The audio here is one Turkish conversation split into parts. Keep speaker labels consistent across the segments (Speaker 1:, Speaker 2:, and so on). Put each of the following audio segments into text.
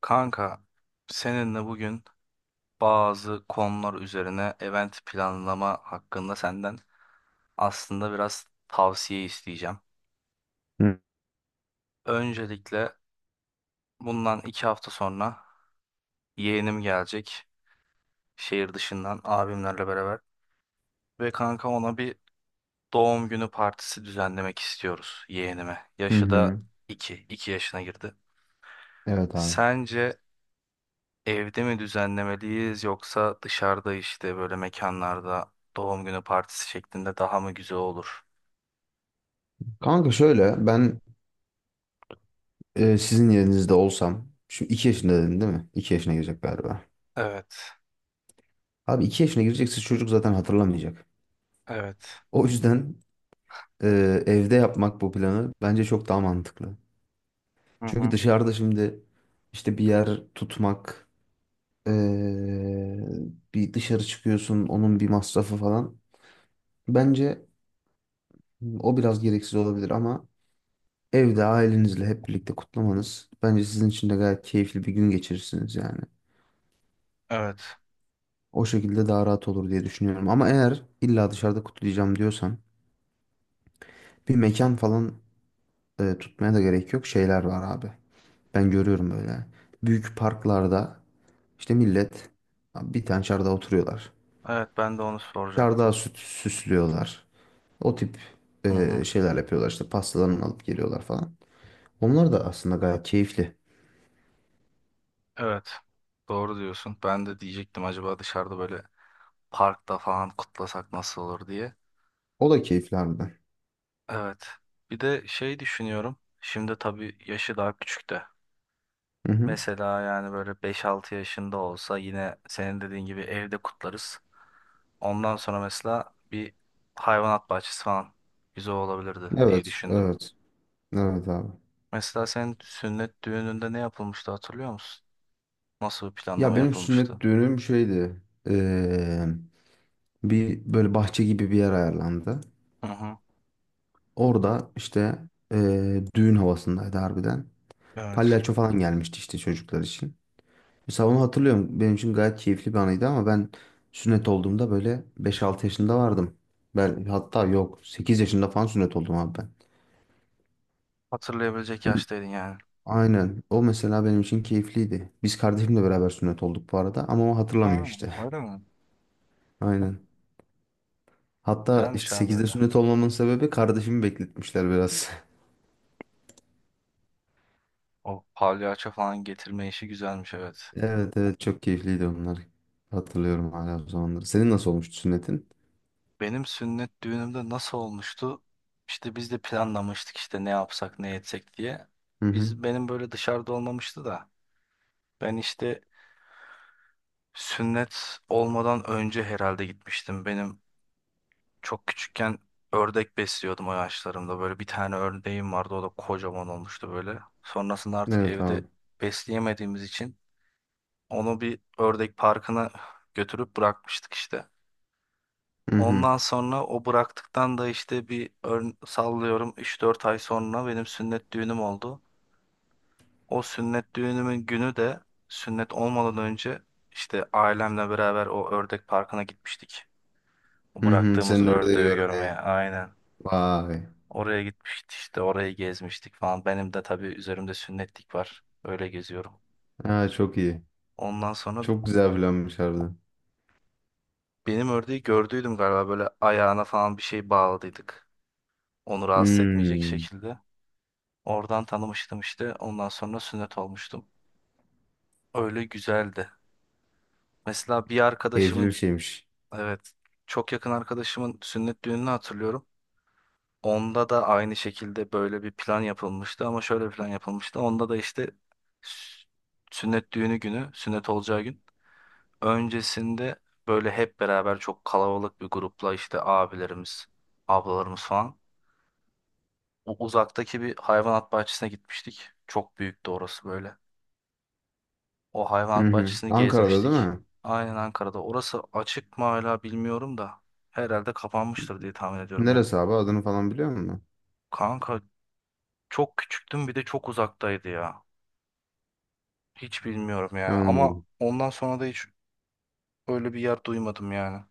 Speaker 1: Kanka, seninle bugün bazı konular üzerine event planlama hakkında senden aslında biraz tavsiye isteyeceğim.
Speaker 2: Hı
Speaker 1: Öncelikle bundan 2 hafta sonra yeğenim gelecek şehir dışından abimlerle beraber ve kanka ona bir doğum günü partisi düzenlemek istiyoruz yeğenime.
Speaker 2: hı.
Speaker 1: Yaşı da
Speaker 2: Hı.
Speaker 1: iki yaşına girdi.
Speaker 2: Evet abi.
Speaker 1: Sence evde mi düzenlemeliyiz yoksa dışarıda işte böyle mekanlarda doğum günü partisi şeklinde daha mı güzel olur?
Speaker 2: Kanka şöyle ben sizin yerinizde olsam şimdi 2 yaşında dedin değil mi? 2 yaşına girecek galiba.
Speaker 1: Evet,
Speaker 2: Abi 2 yaşına girecekse çocuk zaten hatırlamayacak.
Speaker 1: evet.
Speaker 2: O yüzden evde yapmak bu planı bence çok daha mantıklı.
Speaker 1: Hı
Speaker 2: Çünkü
Speaker 1: hı.
Speaker 2: dışarıda şimdi işte bir yer tutmak, e, bir dışarı çıkıyorsun, onun bir masrafı falan. Bence o biraz gereksiz olabilir ama evde ailenizle hep birlikte kutlamanız bence sizin için de gayet keyifli bir gün geçirirsiniz yani.
Speaker 1: Evet.
Speaker 2: O şekilde daha rahat olur diye düşünüyorum. Ama eğer illa dışarıda kutlayacağım diyorsan bir mekan falan tutmaya da gerek yok. Şeyler var abi. Ben görüyorum böyle. Büyük parklarda işte millet bir tane çardağa oturuyorlar.
Speaker 1: Evet, ben de onu
Speaker 2: Çardağı
Speaker 1: soracaktım.
Speaker 2: süt süslüyorlar. O tip
Speaker 1: Hı hı.
Speaker 2: şeyler yapıyorlar, işte pastalarını alıp geliyorlar falan. Onlar da aslında gayet keyifli.
Speaker 1: Evet. Doğru diyorsun. Ben de diyecektim acaba dışarıda böyle parkta falan kutlasak nasıl olur diye.
Speaker 2: O da keyifli harbiden.
Speaker 1: Evet. Bir de şey düşünüyorum. Şimdi tabii yaşı daha küçük de.
Speaker 2: Hı hı.
Speaker 1: Mesela yani böyle 5-6 yaşında olsa yine senin dediğin gibi evde kutlarız. Ondan sonra mesela bir hayvanat bahçesi falan güzel olabilirdi diye
Speaker 2: Evet,
Speaker 1: düşündüm.
Speaker 2: evet. Evet abi.
Speaker 1: Mesela senin sünnet düğününde ne yapılmıştı hatırlıyor musun? Nasıl bir
Speaker 2: Ya
Speaker 1: planlama
Speaker 2: benim sünnet
Speaker 1: yapılmıştı?
Speaker 2: düğünüm şeydi. Bir böyle bahçe gibi bir yer ayarlandı.
Speaker 1: Hı hı.
Speaker 2: Orada işte, düğün havasındaydı harbiden.
Speaker 1: Evet.
Speaker 2: Palyaço falan gelmişti işte çocuklar için. Mesela onu hatırlıyorum. Benim için gayet keyifli bir anıydı ama ben sünnet olduğumda böyle beş 6 yaşında vardım. Ben hatta yok, 8 yaşında falan sünnet oldum abi ben.
Speaker 1: Hatırlayabilecek
Speaker 2: Hı.
Speaker 1: yaştaydın yani.
Speaker 2: Aynen. O mesela benim için keyifliydi. Biz kardeşimle beraber sünnet olduk bu arada ama o hatırlamıyor
Speaker 1: Ha,
Speaker 2: işte.
Speaker 1: öyle mi?
Speaker 2: Aynen. Hatta işte
Speaker 1: Güzelmiş abi
Speaker 2: 8'de
Speaker 1: öyle.
Speaker 2: sünnet olmamın sebebi kardeşimi bekletmişler biraz.
Speaker 1: O palyaço falan getirme işi güzelmiş, evet.
Speaker 2: Evet, evet, çok keyifliydi onlar. Hatırlıyorum hala o zamanları. Senin nasıl olmuştu sünnetin?
Speaker 1: Benim sünnet düğünümde nasıl olmuştu? İşte biz de planlamıştık işte ne yapsak ne etsek diye.
Speaker 2: Hı hı.
Speaker 1: Biz, benim böyle dışarıda olmamıştı da. Ben işte sünnet olmadan önce herhalde gitmiştim. Benim çok küçükken ördek besliyordum o yaşlarımda. Böyle bir tane ördeğim vardı, o da kocaman olmuştu böyle. Sonrasında artık
Speaker 2: Evet
Speaker 1: evde
Speaker 2: abi.
Speaker 1: besleyemediğimiz için onu bir ördek parkına götürüp bırakmıştık işte.
Speaker 2: Hı hı.
Speaker 1: Ondan sonra o bıraktıktan da işte bir sallıyorum 3-4 ay sonra benim sünnet düğünüm oldu. O sünnet düğünümün günü de sünnet olmadan önce işte ailemle beraber o ördek parkına gitmiştik. O
Speaker 2: Hı hı.
Speaker 1: bıraktığımız
Speaker 2: Senin ördeği
Speaker 1: ördeği görmeye,
Speaker 2: görmeye.
Speaker 1: aynen.
Speaker 2: Vay.
Speaker 1: Oraya gitmiştik işte, orayı gezmiştik falan. Benim de tabii üzerimde sünnetlik var. Öyle geziyorum.
Speaker 2: Ha, çok iyi.
Speaker 1: Ondan sonra
Speaker 2: Çok güzel planmış harbiden.
Speaker 1: benim ördeği gördüydüm galiba, böyle ayağına falan bir şey bağladıydık. Onu rahatsız etmeyecek
Speaker 2: Hmm.
Speaker 1: şekilde. Oradan tanımıştım işte. Ondan sonra sünnet olmuştum. Öyle güzeldi. Mesela bir
Speaker 2: Keyifli bir
Speaker 1: arkadaşımın,
Speaker 2: şeymiş.
Speaker 1: evet, çok yakın arkadaşımın sünnet düğününü hatırlıyorum. Onda da aynı şekilde böyle bir plan yapılmıştı ama şöyle bir plan yapılmıştı. Onda da işte s- sünnet düğünü günü, sünnet olacağı gün öncesinde böyle hep beraber çok kalabalık bir grupla işte abilerimiz, ablalarımız falan. Uzaktaki bir hayvanat bahçesine gitmiştik. Çok büyüktü orası böyle. O
Speaker 2: Hı
Speaker 1: hayvanat
Speaker 2: hı.
Speaker 1: bahçesini
Speaker 2: Ankara'da değil
Speaker 1: gezmiştik.
Speaker 2: mi?
Speaker 1: Aynen, Ankara'da. Orası açık mı hala bilmiyorum da. Herhalde kapanmıştır diye tahmin ediyorum ya.
Speaker 2: Neresi abi? Adını falan biliyor musun?
Speaker 1: Kanka çok küçüktüm, bir de çok uzaktaydı ya. Hiç bilmiyorum yani, ama
Speaker 2: Anladım.
Speaker 1: ondan sonra da hiç öyle bir yer duymadım yani.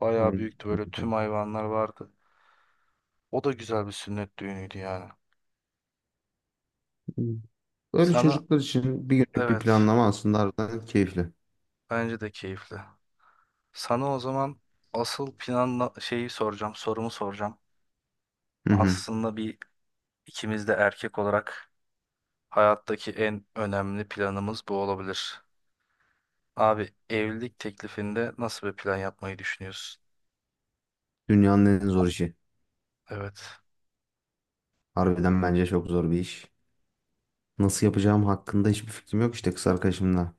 Speaker 1: Bayağı büyüktü böyle, tüm
Speaker 2: Anladım.
Speaker 1: hayvanlar vardı. O da güzel bir sünnet düğünüydü yani.
Speaker 2: Öyle
Speaker 1: Sana,
Speaker 2: çocuklar için bir günlük bir
Speaker 1: evet,
Speaker 2: planlama aslında harbiden keyifli.
Speaker 1: bence de keyifli. Sana o zaman asıl planla şeyi soracağım, sorumu soracağım.
Speaker 2: Hı hı.
Speaker 1: Aslında bir ikimiz de erkek olarak hayattaki en önemli planımız bu olabilir. Abi evlilik teklifinde nasıl bir plan yapmayı düşünüyorsun?
Speaker 2: Dünyanın en zor işi.
Speaker 1: Evet.
Speaker 2: Harbiden bence çok zor bir iş. Nasıl yapacağım hakkında hiçbir fikrim yok. İşte kız arkadaşımla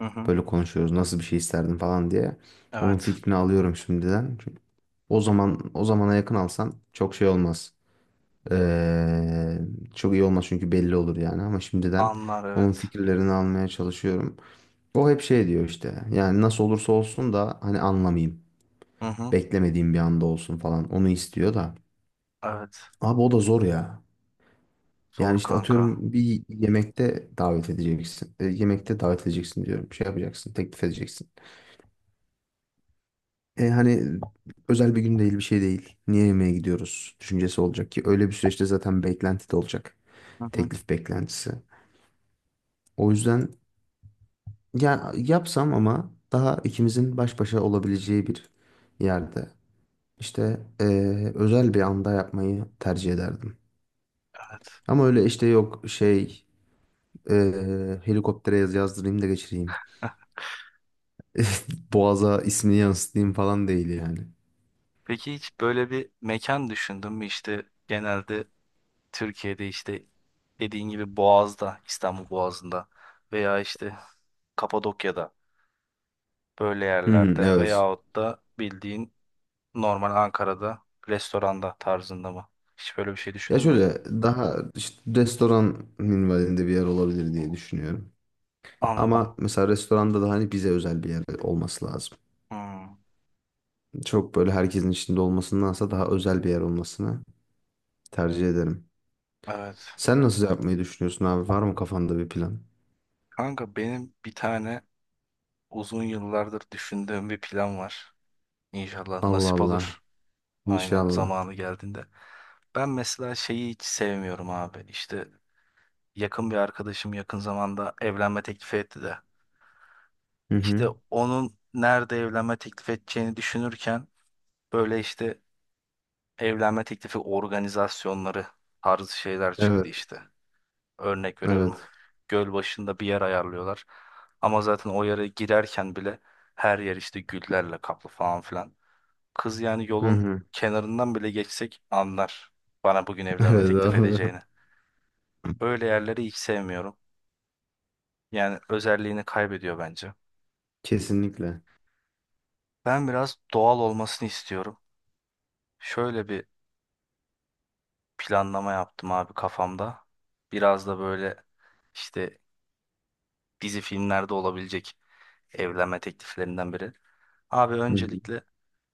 Speaker 1: Hı hı.
Speaker 2: böyle konuşuyoruz. Nasıl bir şey isterdim falan diye. Onun
Speaker 1: Evet.
Speaker 2: fikrini alıyorum şimdiden. Çünkü o zaman, o zamana yakın alsan çok şey olmaz. Ee, Çok iyi olmaz çünkü belli olur yani, ama şimdiden
Speaker 1: Anlar,
Speaker 2: onun
Speaker 1: evet.
Speaker 2: fikirlerini almaya çalışıyorum. O hep şey diyor işte. Yani nasıl olursa olsun da hani anlamayayım.
Speaker 1: Hı hı.
Speaker 2: Beklemediğim bir anda olsun falan. Onu istiyor da.
Speaker 1: Evet.
Speaker 2: Abi o da zor ya.
Speaker 1: Zor,
Speaker 2: Yani işte
Speaker 1: kanka.
Speaker 2: atıyorum, bir yemekte davet edeceksin. Yemekte davet edeceksin diyorum. Şey yapacaksın, teklif edeceksin. Hani özel bir gün değil, bir şey değil. Niye yemeğe gidiyoruz düşüncesi olacak ki. Öyle bir süreçte zaten beklenti de olacak.
Speaker 1: Hı hı.
Speaker 2: Teklif beklentisi. O yüzden ya yapsam ama daha ikimizin baş başa olabileceği bir yerde. İşte özel bir anda yapmayı tercih ederdim.
Speaker 1: Evet.
Speaker 2: Ama öyle işte, yok şey, e, helikoptere yazdırayım da geçireyim. Boğaza ismini yansıtayım falan değil yani.
Speaker 1: Peki hiç böyle bir mekan düşündün mü? İşte genelde Türkiye'de işte dediğin gibi Boğaz'da, İstanbul Boğazı'nda veya işte Kapadokya'da böyle
Speaker 2: Hı hı,
Speaker 1: yerlerde
Speaker 2: evet.
Speaker 1: veyahut da bildiğin normal Ankara'da restoranda tarzında mı? Hiç böyle bir şey
Speaker 2: Ya
Speaker 1: düşündün mü?
Speaker 2: şöyle, daha işte restoran minvalinde bir yer olabilir diye düşünüyorum.
Speaker 1: Anladım.
Speaker 2: Ama mesela restoranda da hani bize özel bir yer olması lazım.
Speaker 1: Hmm,
Speaker 2: Çok böyle herkesin içinde olmasındansa daha özel bir yer olmasını tercih ederim.
Speaker 1: evet.
Speaker 2: Sen nasıl yapmayı düşünüyorsun abi? Var mı kafanda bir plan?
Speaker 1: Kanka benim bir tane uzun yıllardır düşündüğüm bir plan var. İnşallah
Speaker 2: Allah
Speaker 1: nasip
Speaker 2: Allah.
Speaker 1: olur. Aynen,
Speaker 2: İnşallah.
Speaker 1: zamanı geldiğinde. Ben mesela şeyi hiç sevmiyorum abi. İşte yakın bir arkadaşım yakın zamanda evlenme teklifi etti de.
Speaker 2: Hı
Speaker 1: İşte
Speaker 2: hı.
Speaker 1: onun nerede evlenme teklif edeceğini düşünürken böyle işte evlenme teklifi organizasyonları tarzı şeyler çıktı
Speaker 2: Evet.
Speaker 1: işte. Örnek veriyorum.
Speaker 2: Evet.
Speaker 1: Göl başında bir yer ayarlıyorlar. Ama zaten o yere girerken bile her yer işte güllerle kaplı falan filan. Kız yani
Speaker 2: Hı
Speaker 1: yolun
Speaker 2: hı.
Speaker 1: kenarından bile geçsek anlar bana bugün evlenme
Speaker 2: Evet
Speaker 1: teklif
Speaker 2: abi.
Speaker 1: edeceğini. Öyle yerleri hiç sevmiyorum. Yani özelliğini kaybediyor bence.
Speaker 2: Kesinlikle.
Speaker 1: Ben biraz doğal olmasını istiyorum. Şöyle bir planlama yaptım abi kafamda. Biraz da böyle işte dizi filmlerde olabilecek evlenme tekliflerinden biri. Abi
Speaker 2: Hı hı.
Speaker 1: öncelikle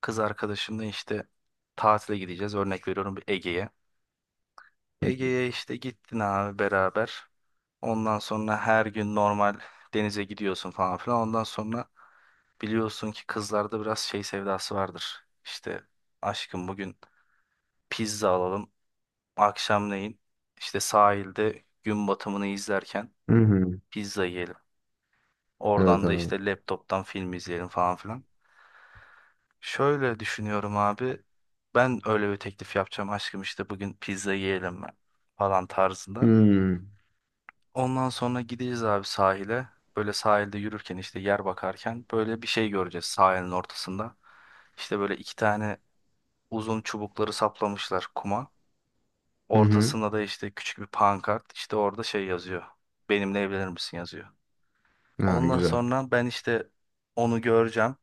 Speaker 1: kız arkadaşımla işte tatile gideceğiz. Örnek veriyorum, bir Ege'ye.
Speaker 2: Hı hı.
Speaker 1: Ege'ye işte gittin abi beraber. Ondan sonra her gün normal denize gidiyorsun falan filan. Ondan sonra biliyorsun ki kızlarda biraz şey sevdası vardır. İşte aşkım bugün pizza alalım. Akşamleyin işte sahilde gün batımını izlerken
Speaker 2: Hı hı.
Speaker 1: pizza yiyelim.
Speaker 2: Evet
Speaker 1: Oradan da
Speaker 2: abi.
Speaker 1: işte laptoptan film izleyelim falan filan. Şöyle düşünüyorum abi. Ben öyle bir teklif yapacağım, aşkım işte bugün pizza yiyelim mi, falan tarzında.
Speaker 2: Hmm.
Speaker 1: Ondan sonra gideceğiz abi sahile. Böyle sahilde yürürken işte yer bakarken böyle bir şey göreceğiz sahilin ortasında. İşte böyle iki tane uzun çubukları saplamışlar kuma.
Speaker 2: Hı hı.
Speaker 1: Ortasında da işte küçük bir pankart. İşte orada şey yazıyor. Benimle evlenir misin yazıyor.
Speaker 2: Ha,
Speaker 1: Ondan
Speaker 2: güzel.
Speaker 1: sonra ben işte onu göreceğim.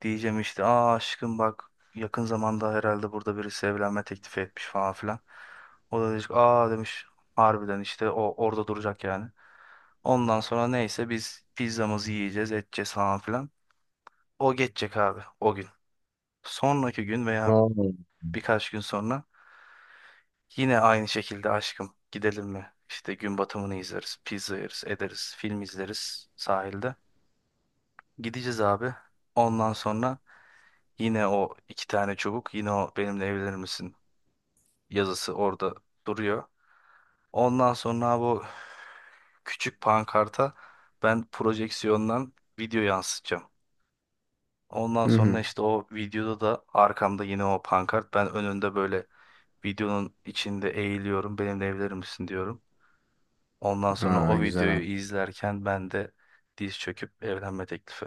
Speaker 1: Diyeceğim işte, aa aşkım bak yakın zamanda herhalde burada birisi evlenme teklifi etmiş falan filan. O da diyecek, aa demiş harbiden işte, o orada duracak yani. Ondan sonra neyse biz pizzamızı yiyeceğiz, edeceğiz falan filan. O geçecek abi o gün. Sonraki gün veya
Speaker 2: Aa.
Speaker 1: birkaç gün sonra yine aynı şekilde aşkım gidelim mi? İşte gün batımını izleriz, pizza yeriz, ederiz, film izleriz sahilde. Gideceğiz abi. Ondan sonra yine o iki tane çubuk, yine o benimle evlenir misin yazısı orada duruyor. Ondan sonra bu küçük pankarta ben projeksiyondan video yansıtacağım. Ondan
Speaker 2: Hı
Speaker 1: sonra
Speaker 2: hı.
Speaker 1: işte o videoda da arkamda yine o pankart. Ben önünde böyle videonun içinde eğiliyorum. Benimle evlenir misin diyorum. Ondan sonra
Speaker 2: Aa,
Speaker 1: o
Speaker 2: güzel
Speaker 1: videoyu
Speaker 2: abi.
Speaker 1: izlerken ben de diz çöküp evlenme teklifi.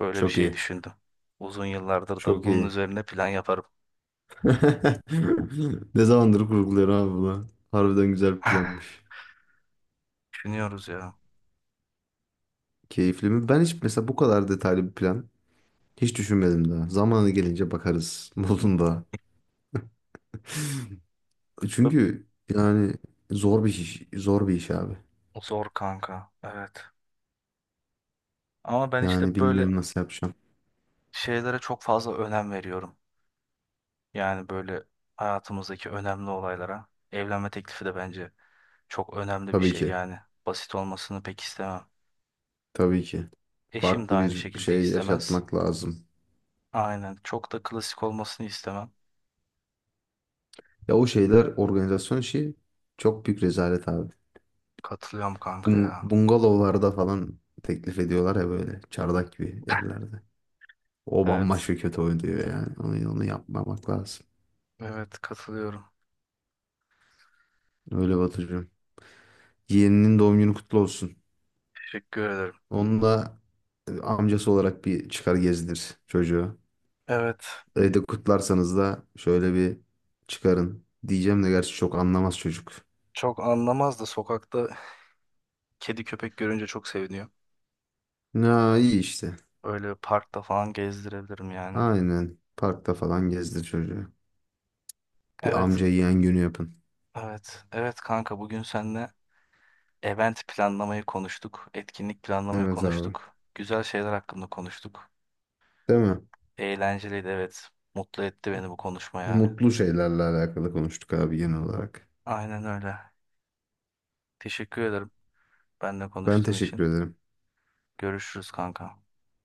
Speaker 1: Böyle bir
Speaker 2: Çok
Speaker 1: şey
Speaker 2: iyi.
Speaker 1: düşündüm. Uzun yıllardır da
Speaker 2: Çok
Speaker 1: bunun
Speaker 2: iyi.
Speaker 1: üzerine plan yaparım.
Speaker 2: Ne zamandır kurguluyorum abi bunu. Harbiden güzel planmış.
Speaker 1: Düşünüyoruz ya.
Speaker 2: Keyifli mi? Ben hiç mesela bu kadar detaylı bir plan hiç düşünmedim daha. Zamanı gelince bakarız modunda. Çünkü yani zor bir iş, zor bir iş abi.
Speaker 1: Zor kanka. Evet. Ama ben işte
Speaker 2: Yani
Speaker 1: böyle
Speaker 2: bilmiyorum nasıl yapacağım.
Speaker 1: şeylere çok fazla önem veriyorum. Yani böyle hayatımızdaki önemli olaylara. Evlenme teklifi de bence çok önemli bir
Speaker 2: Tabii
Speaker 1: şey
Speaker 2: ki.
Speaker 1: yani. Basit olmasını pek istemem.
Speaker 2: Tabii ki.
Speaker 1: Eşim de
Speaker 2: Farklı
Speaker 1: aynı
Speaker 2: bir
Speaker 1: şekilde
Speaker 2: şey
Speaker 1: istemez.
Speaker 2: yaşatmak lazım.
Speaker 1: Aynen. Çok da klasik olmasını istemem.
Speaker 2: Ya o şeyler organizasyon işi çok büyük rezalet abi.
Speaker 1: Katılıyorum kanka
Speaker 2: Bung-
Speaker 1: ya.
Speaker 2: bungalovlarda falan teklif ediyorlar ya, böyle çardak gibi yerlerde. O
Speaker 1: Evet.
Speaker 2: bambaşka kötü oynuyor yani. Onu yapmamak lazım.
Speaker 1: Evet, katılıyorum.
Speaker 2: Öyle Batucuğum. Yeğeninin doğum günü kutlu olsun.
Speaker 1: Teşekkür ederim.
Speaker 2: Onu da amcası olarak bir çıkar gezdir çocuğu.
Speaker 1: Evet.
Speaker 2: Evde kutlarsanız da şöyle bir çıkarın. Diyeceğim de gerçi çok anlamaz çocuk.
Speaker 1: Çok anlamaz da sokakta kedi köpek görünce çok seviniyor.
Speaker 2: Ya iyi işte.
Speaker 1: Öyle parkta falan gezdirebilirim yani.
Speaker 2: Aynen. Parkta falan gezdir çocuğu. Bir
Speaker 1: Evet,
Speaker 2: amca yeğen günü yapın.
Speaker 1: evet, evet kanka, bugün seninle event planlamayı konuştuk, etkinlik planlamayı
Speaker 2: Evet abi.
Speaker 1: konuştuk, güzel şeyler hakkında konuştuk.
Speaker 2: Değil mi?
Speaker 1: Eğlenceliydi, evet, mutlu etti beni bu konuşma yani.
Speaker 2: Mutlu şeylerle alakalı konuştuk abi genel olarak.
Speaker 1: Aynen öyle. Teşekkür ederim benimle
Speaker 2: Ben
Speaker 1: konuştuğun için.
Speaker 2: teşekkür ederim.
Speaker 1: Görüşürüz kanka.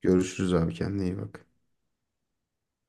Speaker 2: Görüşürüz abi, kendine iyi bak.